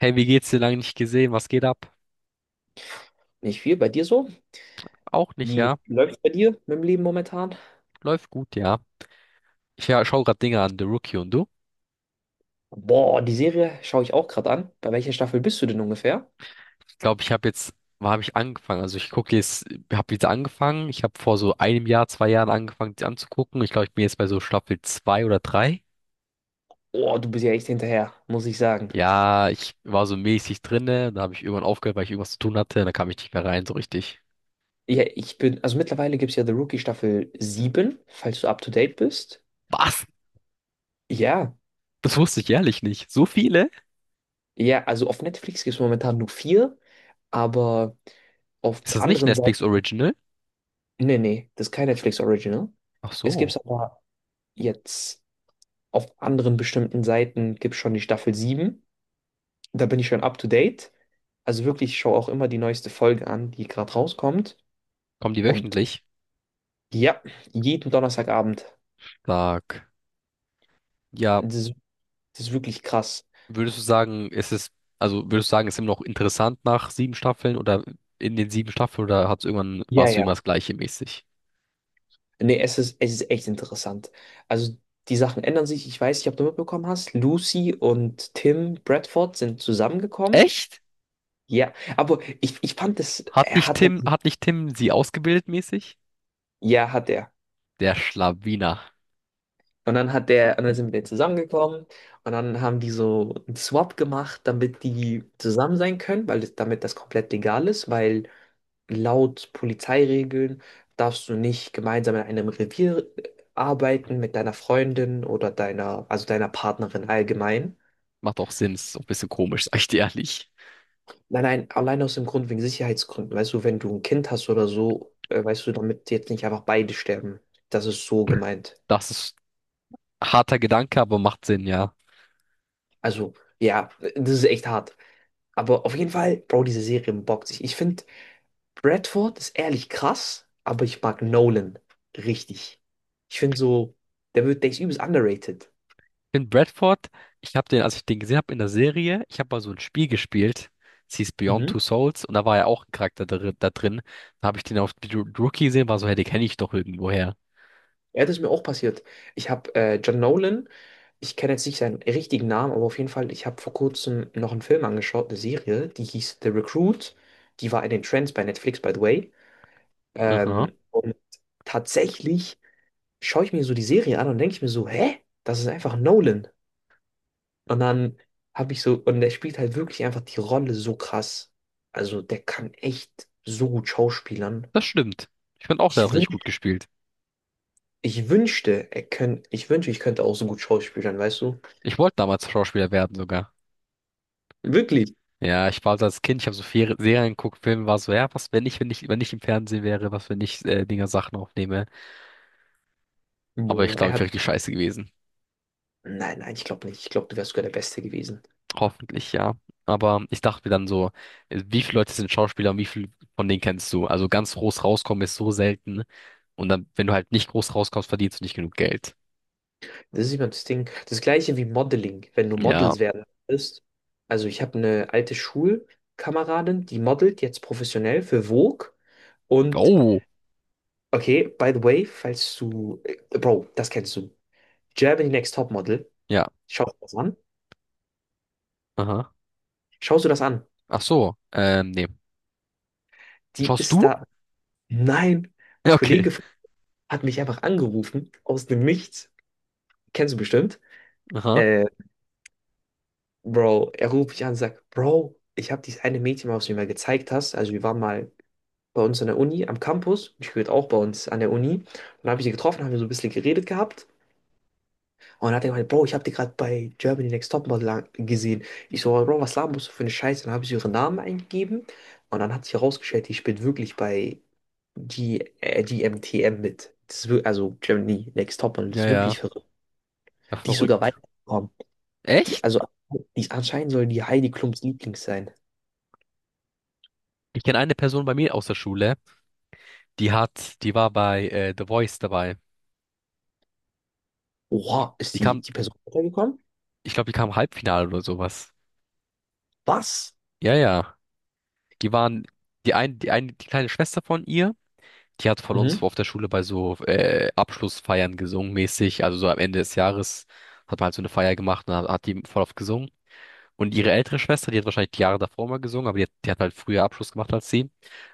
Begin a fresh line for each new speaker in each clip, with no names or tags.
Hey, wie geht's dir lange nicht gesehen? Was geht ab?
Nicht viel. Bei dir so?
Auch nicht,
Wie
ja.
läuft's bei dir mit dem Leben momentan?
Läuft gut, ja. Ich ja, schaue gerade Dinge an, The Rookie und du?
Boah, die Serie schaue ich auch gerade an. Bei welcher Staffel bist du denn ungefähr?
Ich glaube, ich habe jetzt, wann habe ich angefangen? Also ich gucke jetzt, habe jetzt angefangen. Ich habe vor so einem Jahr, 2 Jahren angefangen, die anzugucken. Ich glaube, ich bin jetzt bei so Staffel zwei oder drei.
Boah, du bist ja echt hinterher, muss ich sagen.
Ja, ich war so mäßig drinne. Da habe ich irgendwann aufgehört, weil ich irgendwas zu tun hatte. Da kam ich nicht mehr rein, so richtig.
Ja, also mittlerweile gibt es ja The Rookie Staffel sieben, falls du up to date bist.
Was?
Ja,
Das wusste ich ehrlich nicht. So viele?
ja, also auf Netflix gibt es momentan nur vier, aber auf
Ist das nicht
anderen
Netflix
Seiten.
Original?
Nee, nee, das ist kein Netflix Original.
Ach
Es gibt es
so.
aber jetzt auf anderen bestimmten Seiten gibt es schon die Staffel sieben. Da bin ich schon up to date. Also wirklich, ich schaue auch immer die neueste Folge an, die gerade rauskommt.
Kommen die
Und
wöchentlich?
ja, jeden Donnerstagabend.
Sag. Ja,
Das ist, das ist wirklich krass.
würdest du sagen, ist es, also würdest du sagen, ist immer noch interessant nach sieben Staffeln oder in den sieben Staffeln oder hat's irgendwann,
Ja,
warst du immer
ja.
das gleiche mäßig?
Nee, es ist echt interessant. Also die Sachen ändern sich. Ich weiß nicht, ob du mitbekommen hast. Lucy und Tim Bradford sind zusammengekommen.
Echt?
Ja, aber ich fand das,
Hat nicht Tim, hat nicht Tim sie ausgebildet mäßig?
ja, hat er.
Der Schlawiner.
Und dann hat der, und dann sind wir zusammengekommen und dann haben die so einen Swap gemacht, damit die zusammen sein können, damit das komplett legal ist, weil laut Polizeiregeln darfst du nicht gemeinsam in einem Revier arbeiten mit deiner Freundin oder also deiner Partnerin allgemein.
Macht auch Sinn, ist auch ein bisschen komisch, sag ich dir ehrlich.
Nein, nein, allein aus dem Grund wegen Sicherheitsgründen. Weißt du, wenn du ein Kind hast oder so, weißt du, damit jetzt nicht einfach beide sterben. Das ist so gemeint.
Das ist harter Gedanke, aber macht Sinn, ja.
Also, ja, das ist echt hart. Aber auf jeden Fall, Bro, diese Serie bockt sich. Ich finde, Bradford ist ehrlich krass, aber ich mag Nolan richtig. Ich finde so, der ist übelst underrated.
In Bradford, ich habe den, als ich den gesehen habe in der Serie, ich habe mal so ein Spiel gespielt, es hieß Beyond Two
Mhm.
Souls und da war ja auch ein Charakter da, da drin. Da habe ich den auf die Rookie gesehen, war so, hey, den kenne ich doch irgendwoher.
Ja, das ist mir auch passiert. Ich habe John Nolan, ich kenne jetzt nicht seinen richtigen Namen, aber auf jeden Fall, ich habe vor kurzem noch einen Film angeschaut, eine Serie, die hieß The Recruit. Die war in den Trends bei Netflix, by the way.
Aha,
Und tatsächlich schaue ich mir so die Serie an und denke ich mir so, hä? Das ist einfach Nolan. Und dann habe ich so, und der spielt halt wirklich einfach die Rolle so krass. Also der kann echt so gut schauspielern.
das stimmt. Ich fand auch, der
Ich
hat richtig
wünsch,
gut gespielt.
ich wünschte, er könnt, ich wünschte, ich könnte auch so gut schauspielern, weißt du?
Ich wollte damals Schauspieler werden sogar.
Wirklich.
Ja, ich war also als Kind, ich habe so viele Serien geguckt, Filme, war so, ja, was, wenn ich im Fernsehen wäre, was, wenn ich Dinger Sachen aufnehme. Aber ich
Boah, er
glaube, ich wäre
hat.
richtig scheiße gewesen.
Nein, nein, ich glaube nicht. Ich glaube, du wärst sogar der Beste gewesen.
Hoffentlich, ja. Aber ich dachte mir dann so, wie viele Leute sind Schauspieler und wie viele von denen kennst du? Also ganz groß rauskommen ist so selten. Und dann, wenn du halt nicht groß rauskommst, verdienst du nicht genug Geld.
Das ist immer das Ding. Das gleiche wie Modeling, wenn du
Ja.
Models werden willst. Also ich habe eine alte Schulkameradin, die modelt jetzt professionell für Vogue. Und
Oh.
okay, by the way, falls du, Bro, das kennst du. Germany Next Topmodel.
Ja.
Schaust du das an?
Aha.
Schaust du das an?
Ach so. Nee.
Die
Schaust
ist
du?
da. Nein, ein
Ja, okay.
Kollege hat mich einfach angerufen aus dem Nichts. Kennst du bestimmt.
Aha.
Äh, Bro, er ruft mich an und sagt, Bro, ich habe dieses eine Mädchen, was du mir mal gezeigt hast. Also wir waren mal bei uns an der Uni, am Campus. Ich gehört auch bei uns an der Uni. Und dann habe ich sie getroffen, haben wir so ein bisschen geredet gehabt. Und dann hat er gemeint, Bro, ich habe die gerade bei Germany Next Topmodel gesehen. Ich so, Bro, was laberst du für eine Scheiße? Dann habe ich so ihren Namen eingegeben. Und dann hat sich herausgestellt, die spielt wirklich bei die, die MTM mit. Das ist, wir- also Germany Next Topmodel, das
Ja,
ist wirklich
ja.
verrückt.
Ja,
Die ist sogar
verrückt.
weitergekommen. Die,
Echt?
also, die anscheinend soll die Heidi Klums Lieblings sein.
Ich kenne eine Person bei mir aus der Schule, die hat, die war bei The Voice dabei.
Oha, ist
Die
die,
kam,
die Person weitergekommen?
ich glaube, die kam Halbfinale oder sowas.
Was?
Ja, ja. Die waren, die ein, die eine, die kleine Schwester von ihr, die hat von uns
Mhm,
auf der Schule bei so Abschlussfeiern gesungen mäßig. Also so am Ende des Jahres hat man halt so eine Feier gemacht und hat die voll oft gesungen. Und ihre ältere Schwester, die hat wahrscheinlich die Jahre davor mal gesungen, aber die hat halt früher Abschluss gemacht als sie.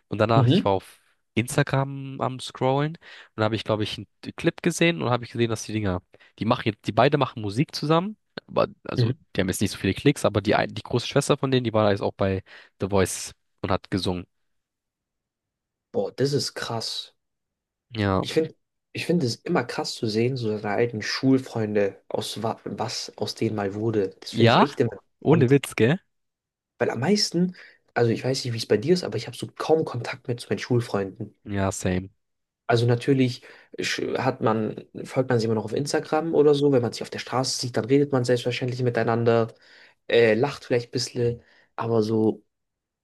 Und danach, ich
mhm,
war auf Instagram am Scrollen und da habe ich, glaube ich, einen Clip gesehen und habe ich gesehen, dass die Dinger, die machen jetzt, die beide machen Musik zusammen, aber also
mhm.
die haben jetzt nicht so viele Klicks, aber die große Schwester von denen, die war jetzt auch bei The Voice und hat gesungen.
Boah, das ist krass.
Ja.
Ich finde, ich finde es immer krass zu sehen, so seine alten Schulfreunde, aus wa was aus denen mal wurde. Das finde ich
Ja?
echt immer
Ohne
interessant.
Witz, gell?
Weil am meisten, also ich weiß nicht, wie es bei dir ist, aber ich habe so kaum Kontakt mehr zu meinen Schulfreunden.
Ja, same.
Also natürlich folgt man sich immer noch auf Instagram oder so. Wenn man sich auf der Straße sieht, dann redet man selbstverständlich miteinander, lacht vielleicht ein bisschen, aber so,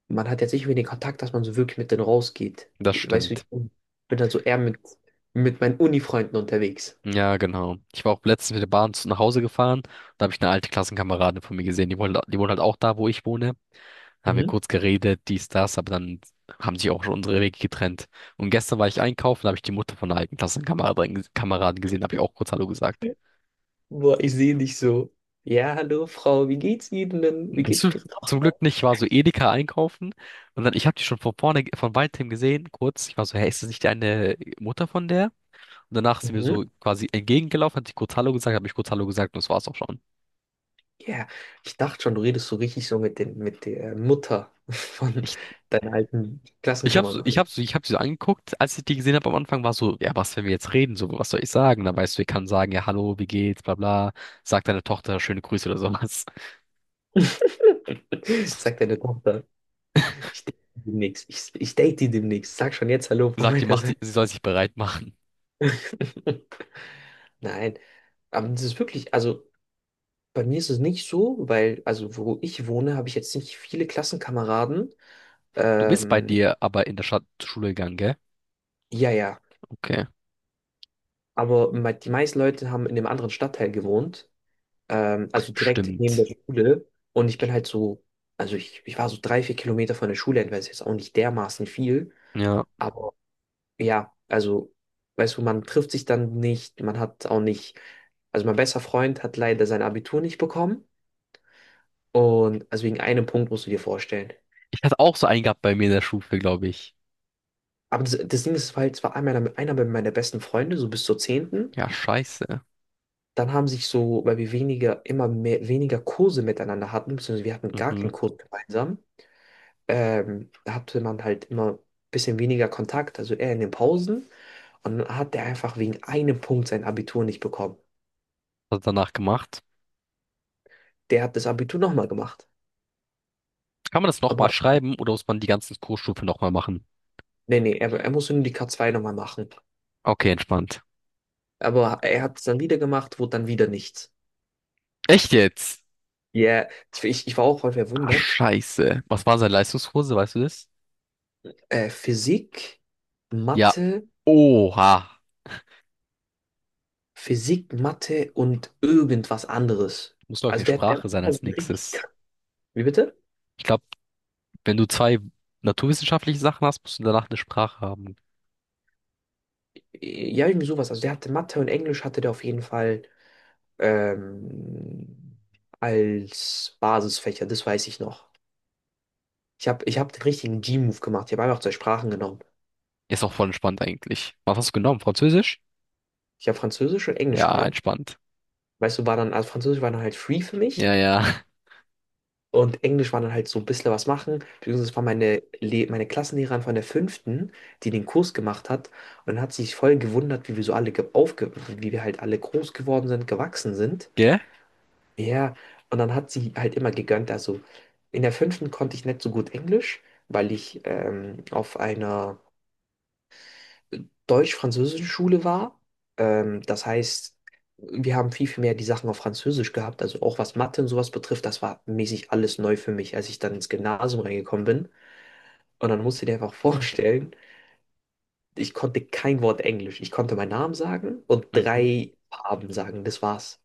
man hat jetzt nicht mehr den Kontakt, dass man so wirklich mit denen rausgeht.
Das
Ich weiß nicht,
stimmt.
ich bin dann so eher mit meinen Uni-Freunden unterwegs.
Ja, genau. Ich war auch letztens mit der Bahn nach Hause gefahren. Da habe ich eine alte Klassenkameradin von mir gesehen. Die wohnt halt auch da, wo ich wohne. Haben wir
Mhm.
kurz geredet, dies, das, aber dann haben sich auch schon unsere Wege getrennt. Und gestern war ich einkaufen, da habe ich die Mutter von einer alten Klassenkameradin Kameradin gesehen, da habe ich auch kurz Hallo gesagt.
Boah, ich sehe dich so. Ja, hallo Frau, wie geht's Ihnen denn? Wie
Das
geht's
ist
Ihrer
zum
Tochter?
Glück nicht, ich war so Edeka einkaufen und dann, ich habe die schon von vorne, von weitem gesehen, kurz. Ich war so, hey, ist das nicht deine Mutter von der? Und danach sind wir
Mhm.
so quasi entgegengelaufen, hat sie kurz Hallo gesagt, habe ich kurz Hallo gesagt und das war's auch schon.
Ja, ich dachte schon, du redest so richtig so mit der Mutter von
Ich
deiner alten
Ich habe ich
Klassenkameradin.
hab, so, ich hab sie so angeguckt, als ich die gesehen habe am Anfang, war so, ja, was, wenn wir jetzt reden, so, was soll ich sagen? Dann weißt du, ich kann sagen, ja, hallo, wie geht's, bla bla, sag deiner Tochter schöne Grüße oder sowas.
Sagt deine Tochter, ich date die demnächst. Ich date die demnächst. Sag schon jetzt Hallo von
Sagt, die
meiner
macht, sie
Seite.
sie soll sich bereit machen.
Nein, aber das ist wirklich, also bei mir ist es nicht so, weil, also wo ich wohne, habe ich jetzt nicht viele Klassenkameraden.
Du bist bei
Ähm,
dir aber in der Stadt zur Schule gegangen, gell?
ja, ja,
Okay,
aber die meisten Leute haben in einem anderen Stadtteil gewohnt, also direkt neben der
stimmt.
Schule. Und ich bin halt so, also ich war so 3, 4 Kilometer von der Schule entfernt, ist jetzt auch nicht dermaßen viel.
Ja.
Ja, also, weißt du, man trifft sich dann nicht, man hat auch nicht, also mein bester Freund hat leider sein Abitur nicht bekommen und also wegen einem Punkt musst du dir vorstellen.
Ich hatte auch so einen gehabt bei mir in der Schule, glaube ich.
Aber das Ding ist halt, es war einmal einer meiner besten Freunde, so bis zur zehnten.
Ja, scheiße.
Dann haben sich so, weil wir weniger, immer mehr, weniger Kurse miteinander hatten, beziehungsweise wir hatten gar
Mhm.
keinen Kurs gemeinsam, da hatte man halt immer ein bisschen weniger Kontakt, also eher in den Pausen. Und dann hat der einfach wegen einem Punkt sein Abitur nicht bekommen.
Was hat er danach gemacht?
Der hat das Abitur nochmal gemacht.
Kann man das nochmal
Aber
schreiben oder muss man die ganzen Kursstufe nochmal machen?
nee, nee, er muss nur die K2 nochmal machen.
Okay, entspannt.
Aber er hat es dann wieder gemacht, wurde dann wieder nichts.
Echt jetzt?
Ja, ich war auch voll
Ah,
verwundert.
Scheiße. Was war seine Leistungskurse, weißt du das?
Äh, Physik,
Ja.
Mathe,
Oha.
Physik, Mathe, und irgendwas anderes.
Muss, glaube ich,
Also,
eine Sprache sein als nächstes.
wie bitte?
Ich glaube, wenn du zwei naturwissenschaftliche Sachen hast, musst du danach eine Sprache haben.
Ja, irgendwie sowas. Also der hatte Mathe und Englisch hatte der auf jeden Fall ähm, als Basisfächer, das weiß ich noch. Ich hab den richtigen G-Move gemacht. Ich habe einfach zwei Sprachen genommen.
Ist auch voll entspannt eigentlich. Was hast du genommen? Französisch?
Ich habe Französisch und Englisch
Ja,
genommen.
entspannt.
Weißt du, war dann, also Französisch war dann halt free für mich
Ja, ja.
und Englisch war dann halt so ein bisschen was machen. Beziehungsweise es war meine Klassenlehrerin von der fünften, die den Kurs gemacht hat und dann hat sie sich voll gewundert, wie wir so alle wie wir halt alle groß geworden sind, gewachsen sind.
Gell?
Ja, und dann hat sie halt immer gegönnt. Also in der fünften konnte ich nicht so gut Englisch, weil ich auf einer deutsch-französische Schule war. Das heißt, wir haben viel, viel mehr die Sachen auf Französisch gehabt. Also auch was Mathe und sowas betrifft, das war mäßig alles neu für mich, als ich dann ins Gymnasium reingekommen bin. Und dann musst du dir einfach vorstellen, ich konnte kein Wort Englisch. Ich konnte meinen Namen sagen und
Mhm.
drei Farben sagen. Das war's.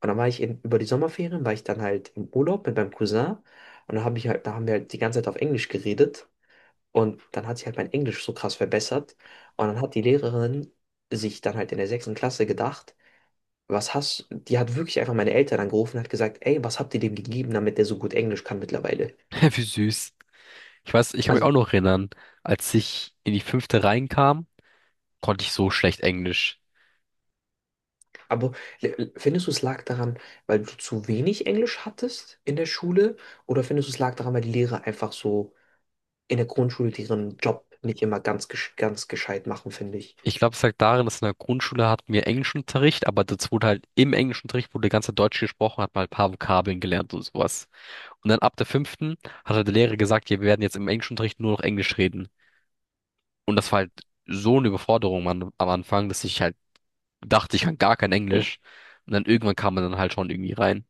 Und dann war ich in, über die Sommerferien, war ich dann halt im Urlaub mit meinem Cousin. Und dann habe ich halt, da haben wir halt die ganze Zeit auf Englisch geredet. Und dann hat sich halt mein Englisch so krass verbessert. Und dann hat die Lehrerin sich dann halt in der sechsten Klasse gedacht, was hast, die hat wirklich einfach meine Eltern angerufen und hat gesagt, ey, was habt ihr dem gegeben, damit der so gut Englisch kann mittlerweile?
Wie süß. Ich weiß, ich kann mich auch
Also,
noch erinnern, als ich in die fünfte reinkam, konnte ich so schlecht Englisch.
aber findest du, es lag daran, weil du zu wenig Englisch hattest in der Schule? Oder findest du, es lag daran, weil die Lehrer einfach so in der Grundschule ihren Job nicht immer ganz gescheit machen, finde ich?
Ich glaube, es lag darin, dass in der Grundschule hatten wir Englischunterricht, aber das wurde halt im Englischunterricht wurde ganz Deutsch gesprochen, hat mal ein paar Vokabeln gelernt und sowas. Und dann ab der fünften hat halt der Lehrer gesagt, ja, wir werden jetzt im Englischunterricht nur noch Englisch reden. Und das war halt so eine Überforderung am Anfang, dass ich halt dachte, ich kann gar kein Englisch. Und dann irgendwann kam man dann halt schon irgendwie rein.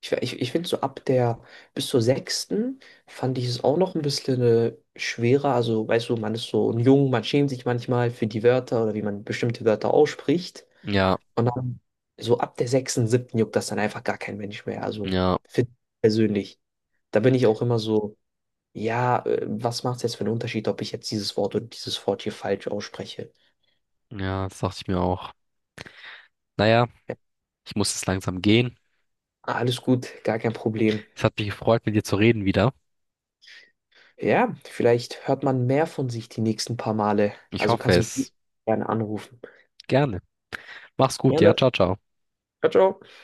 Ich finde so ab der bis zur sechsten fand ich es auch noch ein bisschen schwerer. Also, weißt du, man ist so jung, man schämt sich manchmal für die Wörter oder wie man bestimmte Wörter ausspricht.
Ja,
Und dann so ab der sechsten, siebten juckt das dann einfach gar kein Mensch mehr. Also,
ja,
für ich persönlich. Da bin ich auch immer so, ja, was macht es jetzt für einen Unterschied, ob ich jetzt dieses Wort oder dieses Wort hier falsch ausspreche?
ja, das dachte ich mir auch. Naja, ich muss jetzt langsam gehen.
Ah, alles gut, gar kein Problem.
Es hat mich gefreut, mit dir zu reden wieder.
Ja, vielleicht hört man mehr von sich die nächsten paar Male.
Ich
Also
hoffe
kannst du mich
es.
gerne anrufen.
Gerne. Mach's gut, ja,
Gerne.
ciao, ciao.
Ciao, ciao.